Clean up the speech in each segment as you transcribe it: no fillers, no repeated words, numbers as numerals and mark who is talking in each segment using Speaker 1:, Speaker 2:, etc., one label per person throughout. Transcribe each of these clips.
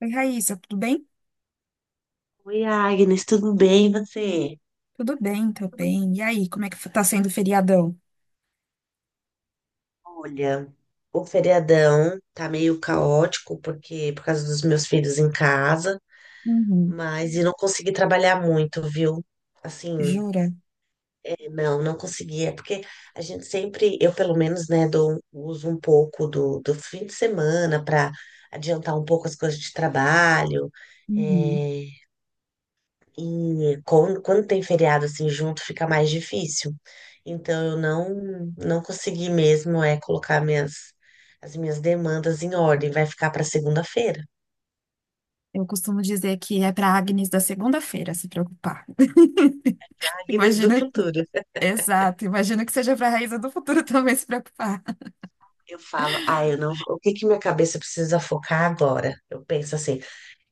Speaker 1: Oi, Raíssa, tudo bem?
Speaker 2: Oi, Agnes, tudo bem? E você?
Speaker 1: Tudo bem, tô bem. E aí, como é que tá sendo o feriadão?
Speaker 2: Olha, o feriadão tá meio caótico por causa dos meus filhos em casa,
Speaker 1: Uhum.
Speaker 2: mas não consegui trabalhar muito, viu? Assim,
Speaker 1: Jura?
Speaker 2: não consegui. É porque a gente sempre, eu pelo menos, né, uso um pouco do fim de semana para adiantar um pouco as coisas de trabalho.
Speaker 1: Uhum.
Speaker 2: é, E quando tem feriado assim junto, fica mais difícil. Então eu não consegui mesmo é colocar minhas as minhas demandas em ordem. Vai ficar para segunda-feira.
Speaker 1: Eu costumo dizer que é pra Agnes da segunda-feira se preocupar.
Speaker 2: Agnes do
Speaker 1: Imagina,
Speaker 2: futuro.
Speaker 1: exato, imagina que seja pra Raíssa do futuro também se preocupar.
Speaker 2: Eu falo, ah, eu não, o que que minha cabeça precisa focar agora? Eu penso assim.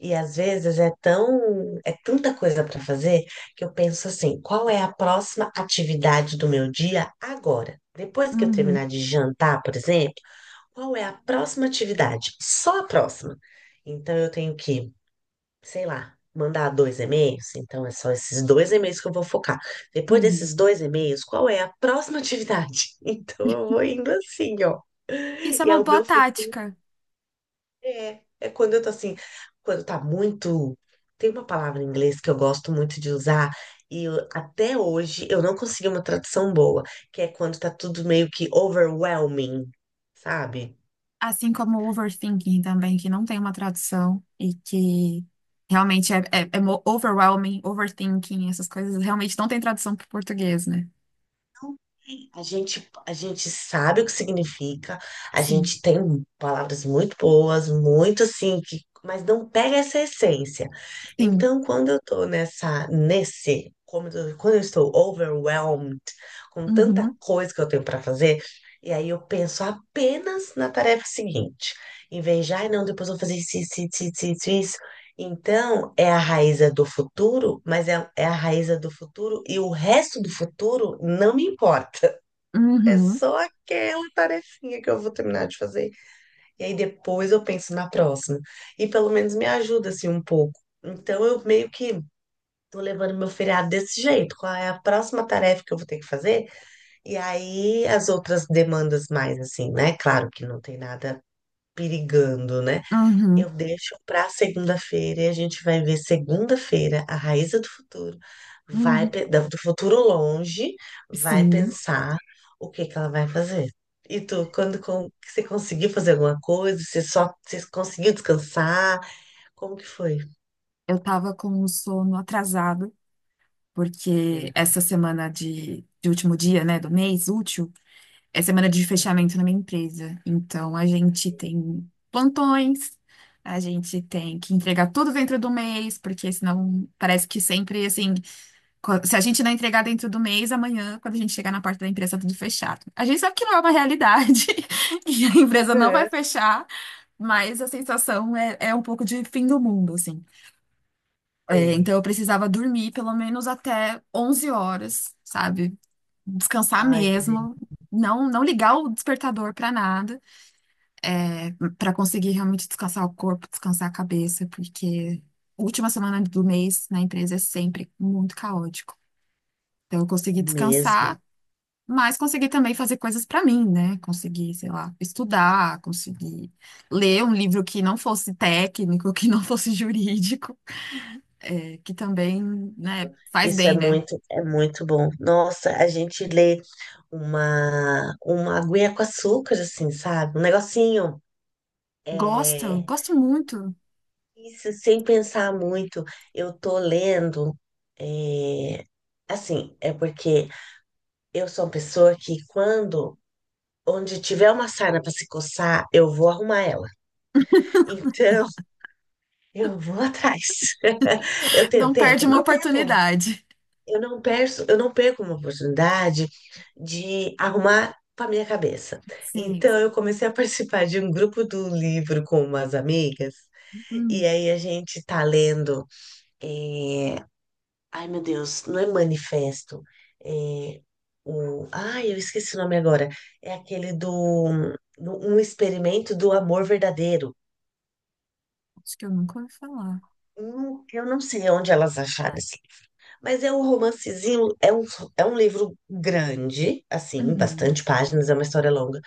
Speaker 2: E às vezes é tão, é tanta coisa para fazer que eu penso assim, qual é a próxima atividade do meu dia agora? Depois que eu
Speaker 1: Uhum,
Speaker 2: terminar de jantar, por exemplo, qual é a próxima atividade? Só a próxima. Então eu tenho que, sei lá, mandar dois e-mails. Então é só esses dois e-mails que eu vou focar. Depois
Speaker 1: uhum.
Speaker 2: desses dois e-mails, qual é a próxima atividade? Então eu vou indo assim, ó.
Speaker 1: Isso é
Speaker 2: E aí
Speaker 1: uma
Speaker 2: o
Speaker 1: boa
Speaker 2: meu futuro
Speaker 1: tática,
Speaker 2: é quando eu tô assim, quando tá muito. Tem uma palavra em inglês que eu gosto muito de usar. Até hoje eu não consegui uma tradução boa, que é quando tá tudo meio que overwhelming, sabe?
Speaker 1: assim como o overthinking também, que não tem uma tradução e que realmente é overwhelming, overthinking, essas coisas realmente não tem tradução para o português, né?
Speaker 2: A gente sabe o que significa, a
Speaker 1: Sim,
Speaker 2: gente tem palavras muito boas, muito assim, que, mas não pega essa essência.
Speaker 1: sim.
Speaker 2: Então, quando eu tô nessa, nesse, como eu- quando eu estou overwhelmed com tanta
Speaker 1: Uhum.
Speaker 2: coisa que eu tenho para fazer, e aí eu penso apenas na tarefa seguinte, em vez de, ai, não, depois eu vou fazer isso, isso, isso, isso, isso, isso. Então, é a raiz do futuro, mas é a raiz do futuro, e o resto do futuro não me importa. É
Speaker 1: Uhum,
Speaker 2: só aquela tarefinha que eu vou terminar de fazer. E aí depois eu penso na próxima. E pelo menos me ajuda assim um pouco. Então eu meio que tô levando meu feriado desse jeito. Qual é a próxima tarefa que eu vou ter que fazer? E aí as outras demandas mais assim, né? Claro que não tem nada perigando, né? Eu
Speaker 1: uhum,
Speaker 2: deixo para segunda-feira e a gente vai ver segunda-feira a Raíza do futuro. Vai
Speaker 1: uhum.
Speaker 2: do futuro longe, vai
Speaker 1: Sim,
Speaker 2: pensar o que que ela vai fazer. E tu, você conseguiu fazer alguma coisa, você conseguiu descansar? Como que foi?
Speaker 1: eu tava com o sono atrasado, porque
Speaker 2: Hum.
Speaker 1: essa semana de último dia, né, do mês útil, é semana de fechamento na minha empresa. Então, a gente tem plantões, a gente tem que entregar tudo dentro do mês, porque senão parece que sempre, assim, se a gente não entregar dentro do mês, amanhã, quando a gente chegar na parte da empresa, tá tudo fechado. A gente sabe que não é uma realidade, e a empresa não vai
Speaker 2: Uhum,
Speaker 1: fechar. Mas a sensação é, é um pouco de fim do mundo, assim. É,
Speaker 2: sei.
Speaker 1: então eu precisava dormir pelo menos até 11 horas, sabe? Descansar
Speaker 2: Ai, que
Speaker 1: mesmo,
Speaker 2: delícia
Speaker 1: não ligar o despertador pra nada, pra conseguir realmente descansar o corpo, descansar a cabeça, porque última semana do mês na empresa é sempre muito caótico. Então eu consegui
Speaker 2: mesmo.
Speaker 1: descansar, mas consegui também fazer coisas pra mim, né? Consegui, sei lá, estudar, consegui ler um livro que não fosse técnico, que não fosse jurídico. É, que também, né, faz
Speaker 2: Isso é
Speaker 1: bem, né?
Speaker 2: muito bom. Nossa, a gente lê uma aguinha com açúcar assim, sabe? Um negocinho.
Speaker 1: Gosto,
Speaker 2: é
Speaker 1: gosto muito.
Speaker 2: Isso, sem pensar muito, eu tô lendo, é, assim, é porque eu sou uma pessoa que onde tiver uma sarna para se coçar, eu vou arrumar ela. Então, eu vou atrás. Eu tenho
Speaker 1: Não perde
Speaker 2: tempo?
Speaker 1: uma
Speaker 2: Não tenho tempo.
Speaker 1: oportunidade.
Speaker 2: Eu não perco uma oportunidade de arrumar para minha cabeça.
Speaker 1: Sim,
Speaker 2: Então,
Speaker 1: sim.
Speaker 2: eu comecei a participar de um grupo do livro com umas amigas. E
Speaker 1: Hum,
Speaker 2: aí a gente tá lendo. eh, Ai, meu Deus, não é manifesto. É Ai, eu esqueci o nome agora. É aquele um experimento do amor verdadeiro.
Speaker 1: acho que eu nunca ouvi falar.
Speaker 2: Eu não sei onde elas acharam esse. Mas é um romancezinho, é um livro grande, assim,
Speaker 1: Uhum.
Speaker 2: bastante páginas, é uma história longa.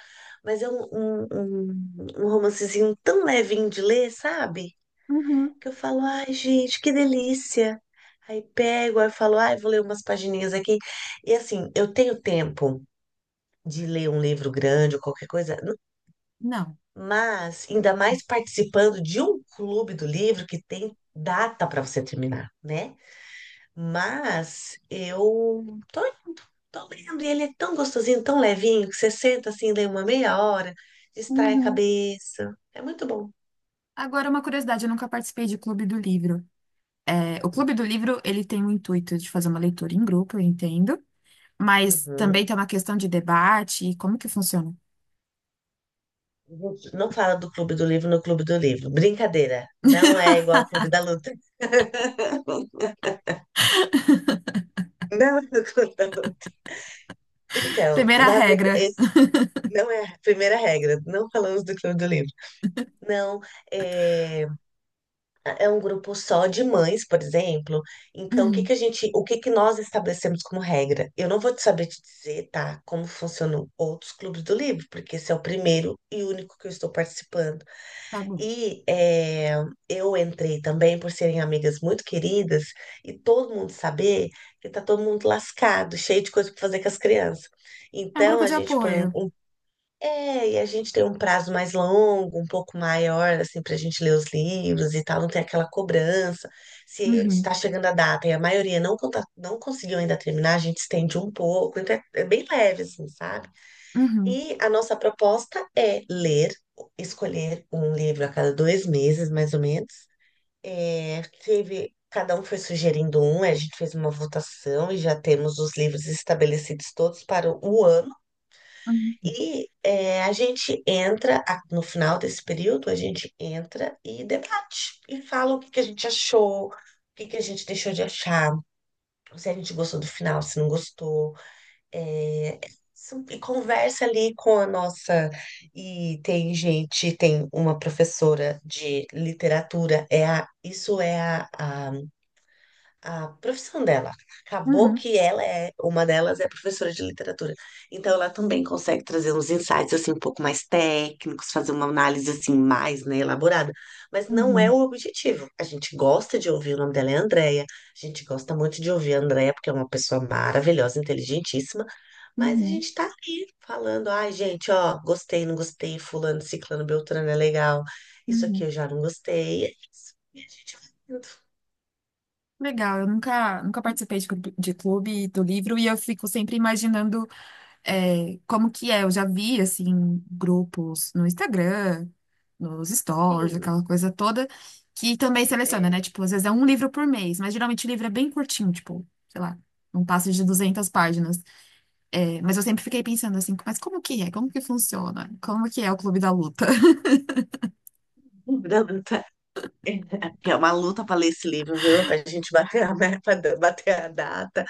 Speaker 2: Mas é um romancezinho tão levinho de ler, sabe?
Speaker 1: Uhum.
Speaker 2: Que eu falo, ai, gente, que delícia. Aí pego, aí eu falo, ai, vou ler umas pagininhas aqui. E assim, eu tenho tempo de ler um livro grande ou qualquer coisa.
Speaker 1: Não.
Speaker 2: Mas ainda mais participando de um clube do livro que tem data para você terminar, né? Mas eu tô indo, tô lendo, e ele é tão gostosinho, tão levinho, que você senta assim, lê uma meia hora, distrai a
Speaker 1: Uhum.
Speaker 2: cabeça. É muito bom.
Speaker 1: Agora, uma curiosidade, eu nunca participei de Clube do Livro. É, o Clube do Livro, ele tem o intuito de fazer uma leitura em grupo, eu entendo, mas
Speaker 2: Uhum.
Speaker 1: também tem uma questão de debate e como que funciona.
Speaker 2: Gente, não fala do Clube do Livro no Clube do Livro. Brincadeira. Não é igual ao Clube da Luta. Não é do Clube da Luta. Então,
Speaker 1: Primeira
Speaker 2: na verdade,
Speaker 1: regra.
Speaker 2: esse não é a primeira regra. Não falamos do Clube do Livro. Não, é, é um grupo só de mães, por exemplo. Então,
Speaker 1: Uhum.
Speaker 2: o que que nós estabelecemos como regra? Eu não vou te saber te dizer, tá, como funcionam outros clubes do livro, porque esse é o primeiro e único que eu estou participando.
Speaker 1: Tá bom.
Speaker 2: E eu entrei também por serem amigas muito queridas e todo mundo saber que tá todo mundo lascado, cheio de coisa para fazer com as crianças.
Speaker 1: É um
Speaker 2: Então
Speaker 1: grupo
Speaker 2: a
Speaker 1: de
Speaker 2: gente põe um,
Speaker 1: apoio.
Speaker 2: um- E a gente tem um prazo mais longo, um pouco maior, assim, para a gente ler os livros e tal, não tem aquela cobrança. Se
Speaker 1: Uhum.
Speaker 2: está chegando a data e a maioria não conseguiu ainda terminar, a gente estende um pouco, então é bem leve, assim, sabe?
Speaker 1: Uhum.
Speaker 2: E a nossa proposta é ler, escolher um livro a cada dois meses, mais ou menos. É, teve, cada um foi sugerindo um, a gente fez uma votação e já temos os livros estabelecidos todos para o ano.
Speaker 1: Uhum.
Speaker 2: E a gente entra, no final desse período, a gente entra e debate, e fala o que que a gente achou, o que que a gente deixou de achar, se a gente gostou do final, se não gostou. É, e conversa ali com a nossa. E tem gente, tem uma professora de literatura, é a, isso é a profissão dela. Acabou
Speaker 1: Uhum.
Speaker 2: que uma delas é professora de literatura. Então ela também consegue trazer uns insights assim um pouco mais técnicos, fazer uma análise assim mais, né, elaborada. Mas não é
Speaker 1: Uhum.
Speaker 2: o objetivo. A gente gosta de ouvir, o nome dela é Andréia. A gente gosta muito de ouvir a Andréia, porque é uma pessoa maravilhosa, inteligentíssima, mas a
Speaker 1: Uhum,
Speaker 2: gente tá ali falando, ai, gente, ó, gostei, não gostei, fulano, ciclano, beltrano é legal. Isso aqui
Speaker 1: uhum.
Speaker 2: eu já não gostei. É isso. E a gente vai indo.
Speaker 1: Legal, eu nunca participei de clube do livro e eu fico sempre imaginando é, como que é. Eu já vi, assim, grupos no Instagram, nos stories,
Speaker 2: Sim,
Speaker 1: aquela coisa toda, que também seleciona,
Speaker 2: é.
Speaker 1: né? Tipo, às vezes é um livro por mês, mas geralmente o livro é bem curtinho, tipo, sei lá, não passa de 200 páginas. É, mas eu sempre fiquei pensando assim, mas como que é? Como que funciona? Como que é o Clube da Luta?
Speaker 2: Luta. É uma luta para ler esse livro, viu? Pra gente bater a meta, bater a data.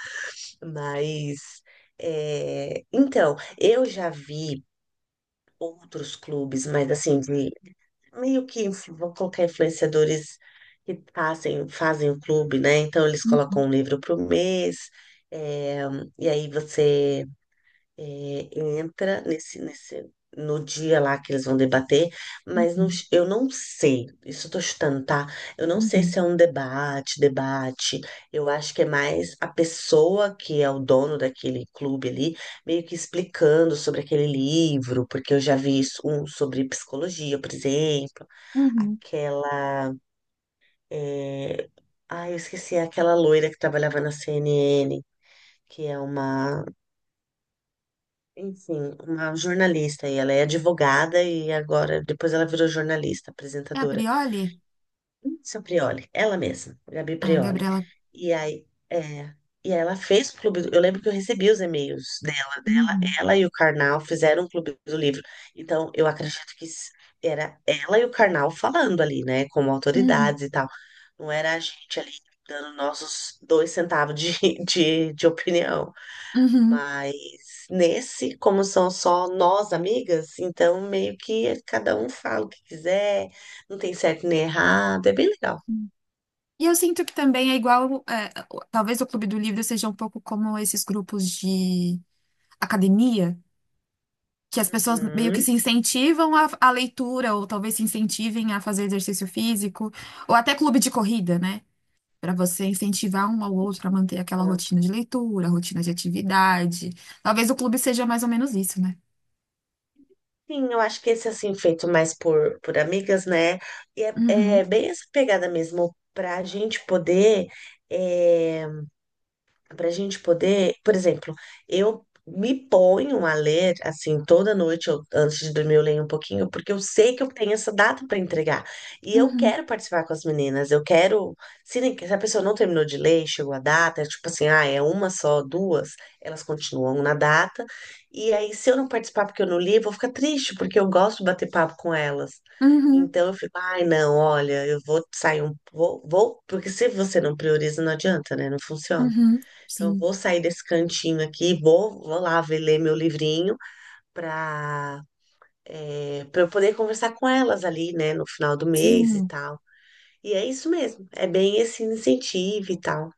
Speaker 2: Mas, então, eu já vi outros clubes, mas assim, de meio que vou colocar influenciadores que fazem o clube, né? Então eles colocam um livro por mês, é, e aí você entra no dia lá que eles vão debater, mas não,
Speaker 1: Uhum,
Speaker 2: eu não sei, isso eu tô chutando, tá? Eu não sei se
Speaker 1: uhum,
Speaker 2: é um debate, debate. Eu acho que é mais a pessoa que é o dono daquele clube ali, meio que explicando sobre aquele livro, porque eu já vi isso, um sobre psicologia, por exemplo,
Speaker 1: uhum.
Speaker 2: aquela... é, ai, eu esqueci, é aquela loira que trabalhava na CNN, que é uma enfim, uma jornalista, e ela é advogada, e agora, depois ela virou jornalista,
Speaker 1: É a
Speaker 2: apresentadora.
Speaker 1: Prioli?
Speaker 2: Seu Prioli, ela mesma, Gabi
Speaker 1: Ah, a
Speaker 2: Prioli.
Speaker 1: Gabriela.
Speaker 2: E aí, e ela fez o clube do, eu lembro que eu recebi os e-mails dela,
Speaker 1: Uhum.
Speaker 2: ela e o Karnal fizeram o clube do livro. Então, eu acredito que era ela e o Karnal falando ali, né, como
Speaker 1: Uhum,
Speaker 2: autoridades e tal. Não era a gente ali dando nossos dois centavos de, de opinião.
Speaker 1: uhum.
Speaker 2: Mas nesse, como são só nós amigas, então meio que cada um fala o que quiser, não tem certo nem errado, é bem legal.
Speaker 1: E eu sinto que também é igual, é, o- talvez o Clube do Livro seja um pouco como esses grupos de academia, que as pessoas meio que
Speaker 2: Uhum.
Speaker 1: se incentivam à leitura, ou talvez se incentivem a fazer exercício físico, ou até clube de corrida, né? Para você incentivar um ao outro a manter aquela rotina de leitura, rotina de atividade. Talvez o clube seja mais ou menos isso, né?
Speaker 2: Sim, eu acho que esse assim, feito mais por amigas, né? E é,
Speaker 1: Uhum,
Speaker 2: é bem essa pegada mesmo, pra gente poder. eh, Para a gente poder, por exemplo, eu me ponho a ler assim toda noite, antes de dormir eu leio um pouquinho, porque eu sei que eu tenho essa data para entregar e eu
Speaker 1: uhum,
Speaker 2: quero participar com as meninas. Eu quero, se a pessoa não terminou de ler e chegou a data, é tipo assim, ah, é uma, só duas, elas continuam na data. E aí, se eu não participar porque eu não li, eu vou ficar triste, porque eu gosto de bater papo com elas.
Speaker 1: uhum,
Speaker 2: Então eu fico, ai, não, olha, eu vou sair, vou porque, se você não prioriza, não adianta, né, não funciona.
Speaker 1: uhum.
Speaker 2: Então, eu
Speaker 1: Sim,
Speaker 2: vou sair desse cantinho aqui, vou lá ver, ler meu livrinho para para eu poder conversar com elas ali, né, no final do mês e
Speaker 1: sim.
Speaker 2: tal. E é isso mesmo, é bem esse incentivo e tal.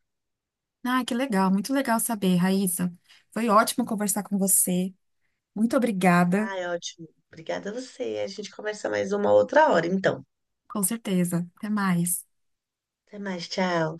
Speaker 1: Ah, que legal, muito legal saber, Raíssa. Foi ótimo conversar com você. Muito obrigada.
Speaker 2: Ah, é ótimo. Obrigada a você. A gente conversa mais uma outra hora, então.
Speaker 1: Com certeza. Até mais.
Speaker 2: Até mais, tchau.